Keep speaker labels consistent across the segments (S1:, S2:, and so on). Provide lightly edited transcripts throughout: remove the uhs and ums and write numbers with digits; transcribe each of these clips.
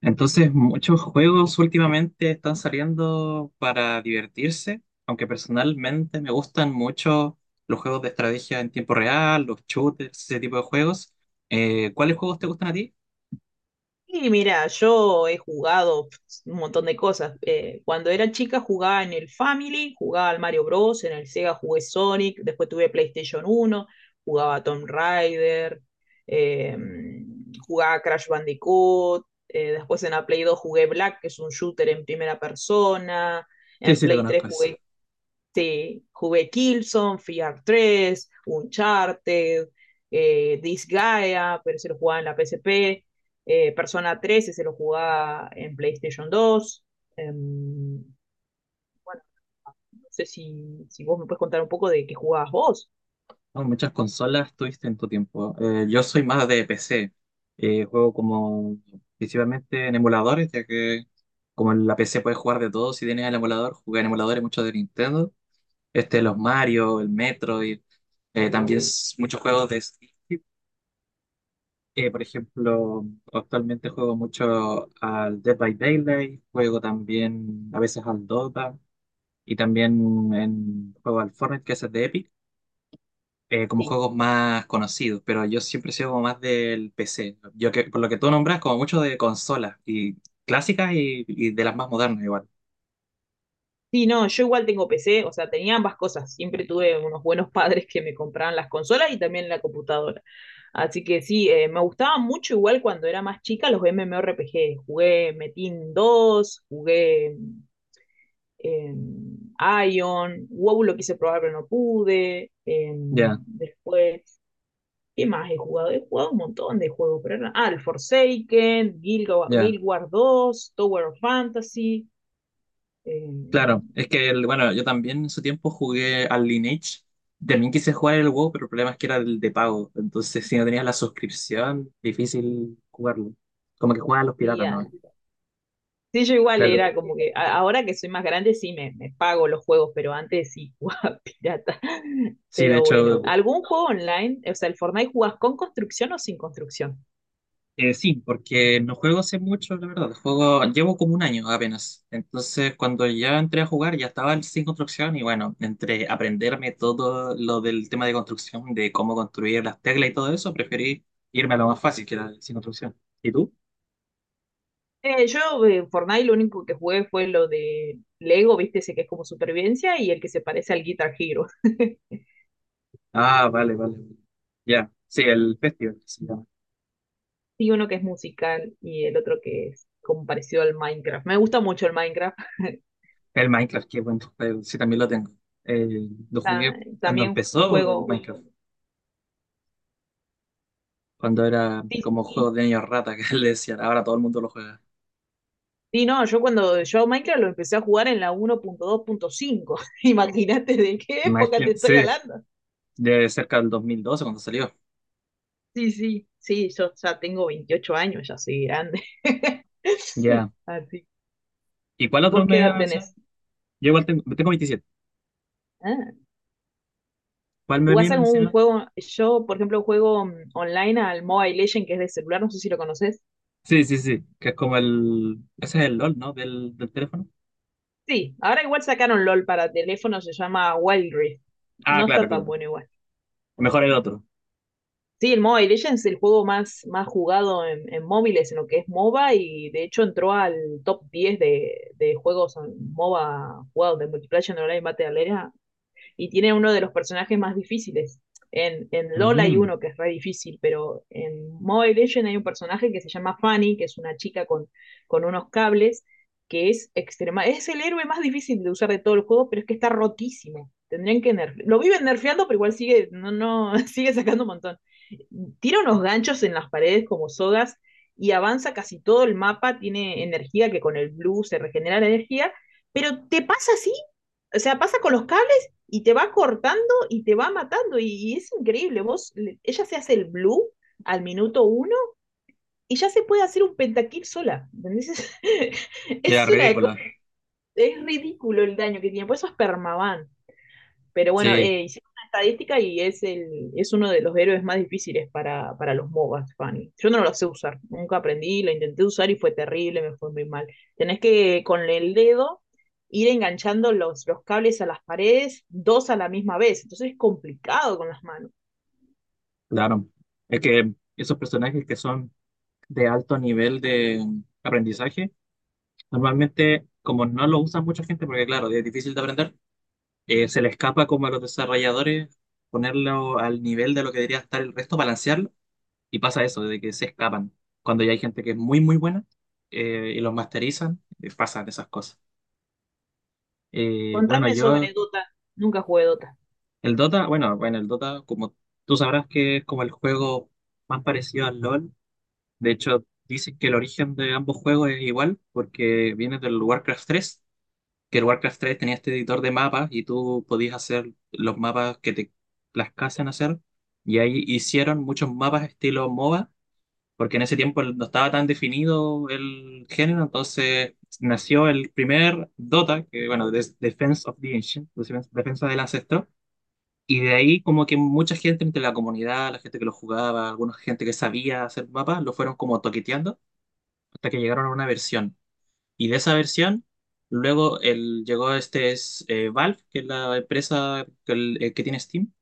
S1: Entonces, muchos juegos últimamente están saliendo para divertirse, aunque personalmente me gustan mucho los juegos de estrategia en tiempo real, los shooters, ese tipo de juegos. ¿cuáles juegos te gustan a ti?
S2: Y mira, yo he jugado pues, un montón de cosas. Cuando era chica jugaba en el Family, jugaba al Mario Bros, en el Sega jugué Sonic, después tuve PlayStation uno, jugaba a Tomb Raider, eh, jugaba a Crash Bandicoot, después en la Play 2 jugué Black, que es un shooter en primera persona.
S1: Sí,
S2: En
S1: sí, lo
S2: Play 3
S1: conozco eso.
S2: jugué jugué Killzone, Fear 3, Uncharted, Disgaea, pero se lo jugaba en la PSP. Persona tres se lo jugaba en PlayStation 2. Bueno, no sé si vos me puedes contar un poco de qué jugabas vos.
S1: No, muchas consolas tuviste en tu tiempo. Yo soy más de PC. Juego como principalmente en emuladores, ya que como en la PC puedes jugar de todo, si tienes el emulador, jugué en emuladores muchos de Nintendo. Este, los Mario, el Metroid, también muchos juegos de Steam. Por ejemplo, actualmente juego mucho al Dead by Daylight, juego también a veces al Dota y también juego al Fortnite, que es el de Epic, como
S2: Sí.
S1: juegos más conocidos, pero yo siempre he sido como más del PC. Yo que, por lo que tú nombras, como mucho de consolas y clásicas y de las más modernas igual.
S2: Sí, no, yo igual tengo PC, o sea, tenía ambas cosas. Siempre tuve unos buenos padres que me compraban las consolas y también la computadora. Así que sí, me gustaba mucho igual cuando era más chica los MMORPG. Jugué Metin 2, jugué eh, Ion. WoW lo quise probar pero no pude.
S1: Ya,
S2: Después, ¿qué más he jugado? He jugado un montón de juegos, pero el Forsaken,
S1: ya.
S2: Guild Wars 2, Tower of Fantasy. eh,
S1: Claro, es que, bueno, yo también en su tiempo jugué al Lineage. También quise jugar el WoW, pero el problema es que era el de pago. Entonces, si no tenías la suscripción, difícil jugarlo. Como que juegan los
S2: sí,
S1: piratas, ¿no?
S2: sí, yo igual
S1: Claro.
S2: era como que ahora que soy más grande sí me pago los juegos, pero antes sí jugaba pirata.
S1: Sí, de
S2: Pero bueno,
S1: hecho,
S2: ¿algún juego online? O sea, ¿el Fortnite jugás con construcción o sin construcción?
S1: sí, porque no juego hace mucho, la verdad. Juego, llevo como un año apenas. Entonces, cuando ya entré a jugar, ya estaba el sin construcción y bueno, entre aprenderme todo lo del tema de construcción, de cómo construir las teclas y todo eso, preferí irme a lo más fácil, que era el sin construcción. ¿Y tú?
S2: Yo en Fortnite lo único que jugué fue lo de Lego, viste, ese que es como supervivencia y el que se parece al Guitar Hero.
S1: Ah, vale, vale. Ya, sí, el Festival, que se...
S2: Y uno que es musical y el otro que es como parecido al Minecraft. Me gusta mucho el Minecraft.
S1: El Minecraft, qué buen juego. Sí, también lo tengo. Lo jugué
S2: Ta-
S1: cuando
S2: También
S1: empezó el
S2: juego,
S1: Minecraft, cuando era
S2: sí,
S1: como juego de niños rata, que le decían, ahora todo el mundo lo juega.
S2: sí, no, yo cuando yo Minecraft lo empecé a jugar en la 1.2.5. Imagínate de qué época te
S1: Imagínate, sí,
S2: estoy hablando.
S1: de cerca del 2012 cuando salió.
S2: Sí, sí, sí, yo ya tengo 28 años, ya soy grande.
S1: Ya.
S2: Así.
S1: ¿Y cuál otro
S2: ¿Vos qué
S1: me iba
S2: edad
S1: a mencionar?
S2: tenés?
S1: Yo igual tengo, tengo 27.
S2: Ah,
S1: ¿Cuál me
S2: ¿jugás
S1: viene a
S2: algún
S1: mencionar?
S2: juego? Yo, por ejemplo, juego online al Mobile Legend, que es de celular, no sé si lo conoces.
S1: Sí, sí, sí, que es como el... Ese es el LOL, ¿no? Del teléfono.
S2: Sí, ahora igual sacaron LOL para teléfono, se llama Wild Rift.
S1: Ah,
S2: No
S1: claro,
S2: está tan
S1: claro.
S2: bueno igual.
S1: Mejor el otro.
S2: Sí, el Mobile Legends es el juego más jugado en, móviles, en lo que es MOBA, y de hecho entró al top 10 de juegos en MOBA jugados de multiplayer en online Battle Arena, y tiene uno de los personajes más difíciles. en LOL hay
S1: Mm,
S2: uno que es re difícil, pero en Mobile Legends hay un personaje que se llama Fanny, que es una chica con unos cables, que es extrema. Es el héroe más difícil de usar de todo el juego, pero es que está rotísimo. Lo viven nerfeando, pero igual sigue, no, no, sigue sacando un montón. Tira unos ganchos en las paredes como sogas y avanza casi todo el mapa. Tiene energía que con el blue se regenera la energía, pero te pasa así. O sea, pasa con los cables y te va cortando y te va matando y es increíble. Vos, ella se hace el blue al minuto uno y ya se puede hacer un pentakill sola. ¿Entendés?
S1: ya,
S2: Es una cosa,
S1: ridícula.
S2: es ridículo el daño que tiene, por eso es permaban. Pero bueno,
S1: Sí.
S2: hicieron una estadística y es, el, es uno de los héroes más difíciles para los MOBAs, Fanny. Yo no lo sé usar, nunca aprendí, lo intenté usar y fue terrible, me fue muy mal. Tenés que con el dedo ir enganchando los cables a las paredes, dos a la misma vez, entonces es complicado con las manos.
S1: Claro, es que esos personajes que son de alto nivel de aprendizaje, normalmente como no lo usa mucha gente, porque claro, es difícil de aprender, se le escapa como a los desarrolladores ponerlo al nivel de lo que debería estar el resto, balancearlo, y pasa eso, de que se escapan. Cuando ya hay gente que es muy, muy buena y los masterizan, pasan esas cosas. Eh, bueno,
S2: Contame sobre
S1: yo,
S2: Dota, nunca jugué Dota.
S1: el Dota, bueno, bueno, el Dota, como tú sabrás que es como el juego más parecido al LOL. De hecho, dicen que el origen de ambos juegos es igual porque viene del Warcraft tres, que el Warcraft tres tenía este editor de mapas y tú podías hacer los mapas que te plazcasen hacer. Y ahí hicieron muchos mapas estilo MOBA, porque en ese tiempo no estaba tan definido el género, entonces nació el primer Dota, que bueno, es Defense of the Ancient, Defensa del Ancestro. Y de ahí como que mucha gente entre la comunidad, la gente que lo jugaba, alguna gente que sabía hacer mapas, lo fueron como toqueteando hasta que llegaron a una versión. Y de esa versión, llegó Valve, que es la empresa que tiene Steam,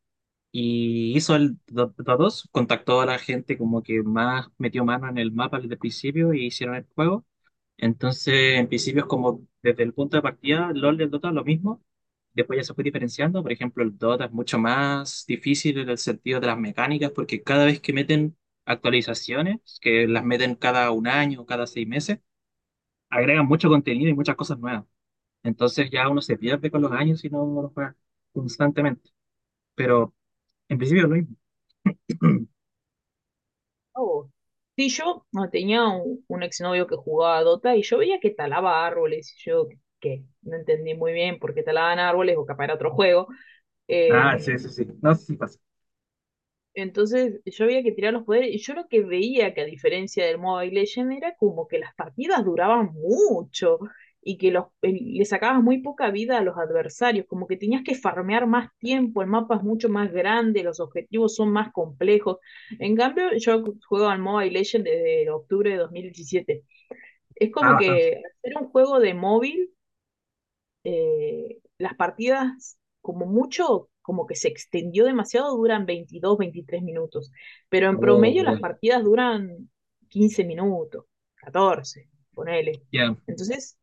S1: y hizo el Dota dos. Contactó a la gente como que más metió mano en el mapa desde el principio y hicieron el juego. Entonces, en principio es como desde el punto de partida, LOL y el Dota lo mismo. Después ya se fue diferenciando. Por ejemplo, el Dota es mucho más difícil en el sentido de las mecánicas, porque cada vez que meten actualizaciones, que las meten cada un año, cada seis meses, agregan mucho contenido y muchas cosas nuevas. Entonces ya uno se pierde con los años y no lo juega constantemente. Pero en principio es lo mismo.
S2: Oh. Sí, yo no, tenía un exnovio que jugaba a Dota y yo veía que talaba árboles, y yo que no entendí muy bien por qué talaban árboles, o capaz era otro juego.
S1: Ah, sí, sí,
S2: Em,
S1: sí. No, sé si pasa.
S2: entonces yo había que tirar los poderes, y yo lo que veía que a diferencia del Mobile Legend era como que las partidas duraban mucho, y que le sacabas muy poca vida a los adversarios, como que tenías que farmear más tiempo, el mapa es mucho más grande, los objetivos son más complejos. En cambio, yo juego al Mobile Legend desde octubre de 2017. Es
S1: Ah,
S2: como
S1: bastante.
S2: que hacer un juego de móvil, las partidas, como mucho, como que se extendió demasiado, duran 22 23 minutos, pero en
S1: Oh,
S2: promedio
S1: ya.
S2: las partidas duran 15 minutos, 14 ponele.
S1: Ya,
S2: Entonces,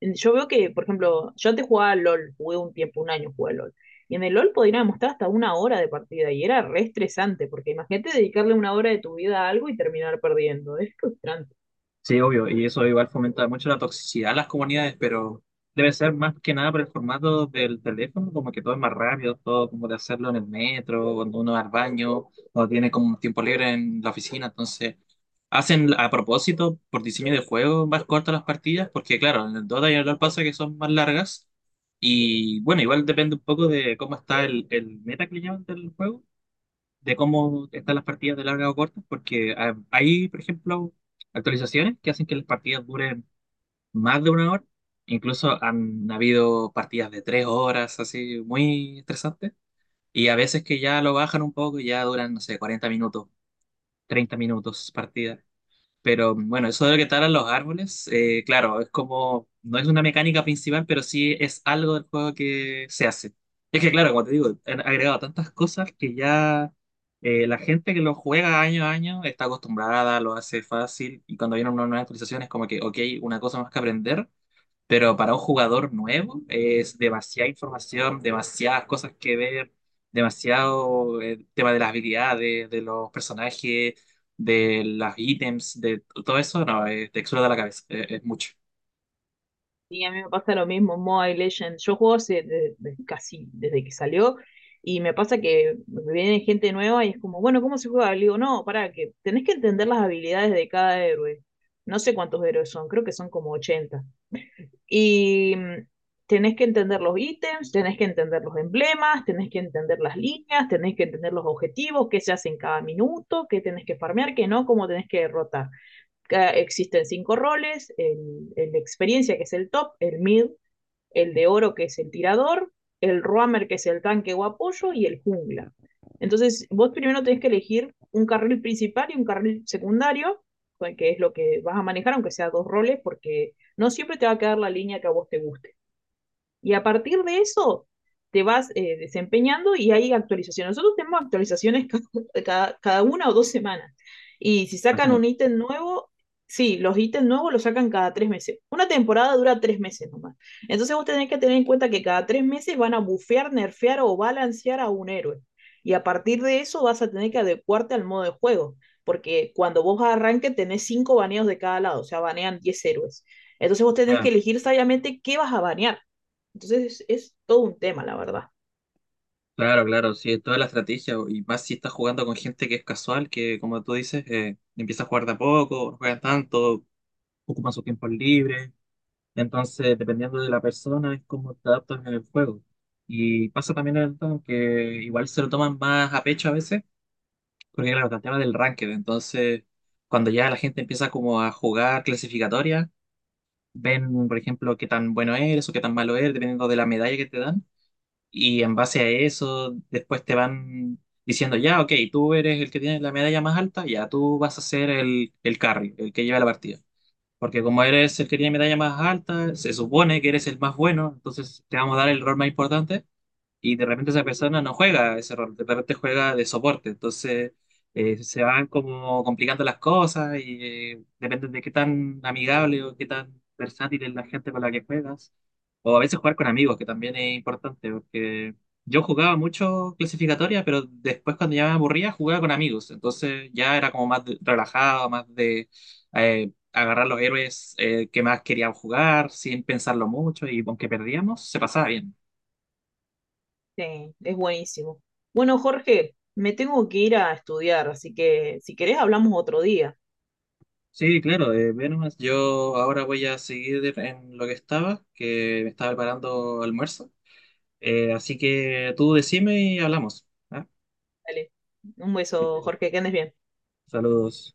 S2: yo veo que, por ejemplo, yo antes jugaba al LOL, jugué un tiempo, un año jugué al LOL. Y en el LOL podían demostrar hasta una hora de partida y era re estresante, porque imagínate dedicarle una hora de tu vida a algo y terminar perdiendo. Es frustrante.
S1: sí, obvio, y eso igual fomenta mucho la toxicidad en las comunidades, pero debe ser más que nada por el formato del teléfono, como que todo es más rápido, todo como de hacerlo en el metro, cuando uno va al baño, o tiene como un tiempo libre en la oficina, entonces hacen a propósito, por diseño de juego, más cortas las partidas, porque claro, en el Dota y en el LoL pasa que son más largas, y bueno, igual depende un poco de cómo está el meta que le llaman del juego, de cómo están las partidas de larga o cortas, porque hay, por ejemplo, actualizaciones que hacen que las partidas duren más de una hora. Incluso han habido partidas de tres horas, así, muy estresantes. Y a veces que ya lo bajan un poco y ya duran, no sé, 40 minutos, 30 minutos partidas. Pero bueno, eso de lo que talan los árboles, claro, es como, no es una mecánica principal, pero sí es algo del juego que se hace. Es que claro, como te digo, han agregado tantas cosas que ya la gente que lo juega año a año está acostumbrada, lo hace fácil, y cuando viene una nueva actualización es como que, ok, una cosa más que aprender, pero para un jugador nuevo es demasiada información, demasiadas cosas que ver, demasiado el tema de las habilidades, de los personajes, de los ítems, de todo eso, no, es textura de la cabeza, es mucho,
S2: Y a mí me pasa lo mismo, Mobile Legends. Yo juego hace casi desde que salió, y me pasa que viene gente nueva y es como, bueno, ¿cómo se juega? Le digo, no, pará, que tenés que entender las habilidades de cada héroe. No sé cuántos héroes son, creo que son como 80. Y tenés que entender los ítems, tenés que entender los emblemas, tenés que entender las líneas, tenés que entender los objetivos, qué se hace en cada minuto, qué tenés que farmear, qué no, cómo tenés que derrotar. Existen cinco roles, el de experiencia que es el top, el mid, el de oro, que es el tirador, el roamer, que es el tanque o apoyo, y el jungla. Entonces, vos primero tenés que elegir un carril principal y un carril secundario, que es lo que vas a manejar, aunque sea dos roles, porque no siempre te va a quedar la línea que a vos te guste. Y a partir de eso te vas desempeñando, y hay actualizaciones. Nosotros tenemos actualizaciones cada una o dos semanas. Y si sacan un
S1: imagínate.
S2: ítem nuevo, sí, los ítems nuevos los sacan cada 3 meses. Una temporada dura 3 meses nomás. Entonces vos tenés que tener en cuenta que cada 3 meses van a bufear, nerfear o balancear a un héroe. Y a partir de eso vas a tener que adecuarte al modo de juego. Porque cuando vos arranques tenés cinco baneos de cada lado, o sea, banean 10 héroes. Entonces vos tenés que
S1: Ya,
S2: elegir sabiamente qué vas a banear. Entonces es todo un tema, la verdad.
S1: claro, claro, sí, es toda la estrategia. Y más si estás jugando con gente que es casual, que como tú dices, empieza a jugar de a poco, no juegan tanto, ocupan su tiempo libre. Entonces, dependiendo de la persona, es como te adaptas en el juego. Y pasa también el tema que igual se lo toman más a pecho a veces, porque claro, está el tema del ranked. Entonces, cuando ya la gente empieza como a jugar clasificatoria, ven, por ejemplo, qué tan bueno eres o qué tan malo eres, dependiendo de la medalla que te dan. Y en base a eso, después te van diciendo, ya, ok, tú eres el que tiene la medalla más alta, ya tú vas a ser el carry, el que lleva la partida. Porque como eres el que tiene medalla más alta, se supone que eres el más bueno, entonces te vamos a dar el rol más importante y de repente esa persona no juega ese rol, de repente juega de soporte, entonces se van como complicando las cosas y depende de qué tan amigable o qué tan versátil es la gente con la que juegas, o a veces jugar con amigos, que también es importante, porque yo jugaba mucho clasificatoria, pero después cuando ya me aburría jugaba con amigos, entonces ya era como relajado, más de... agarrar los héroes que más querían jugar sin pensarlo mucho y aunque perdíamos, se pasaba bien.
S2: Sí, es buenísimo. Bueno, Jorge, me tengo que ir a estudiar, así que si querés hablamos otro día.
S1: Sí, claro, ve, yo ahora voy a seguir en lo que estaba, que me estaba preparando almuerzo. Así que tú decime y hablamos. ¿Ah?
S2: Dale. Un
S1: Eh,
S2: beso, Jorge, que andes bien.
S1: Saludos.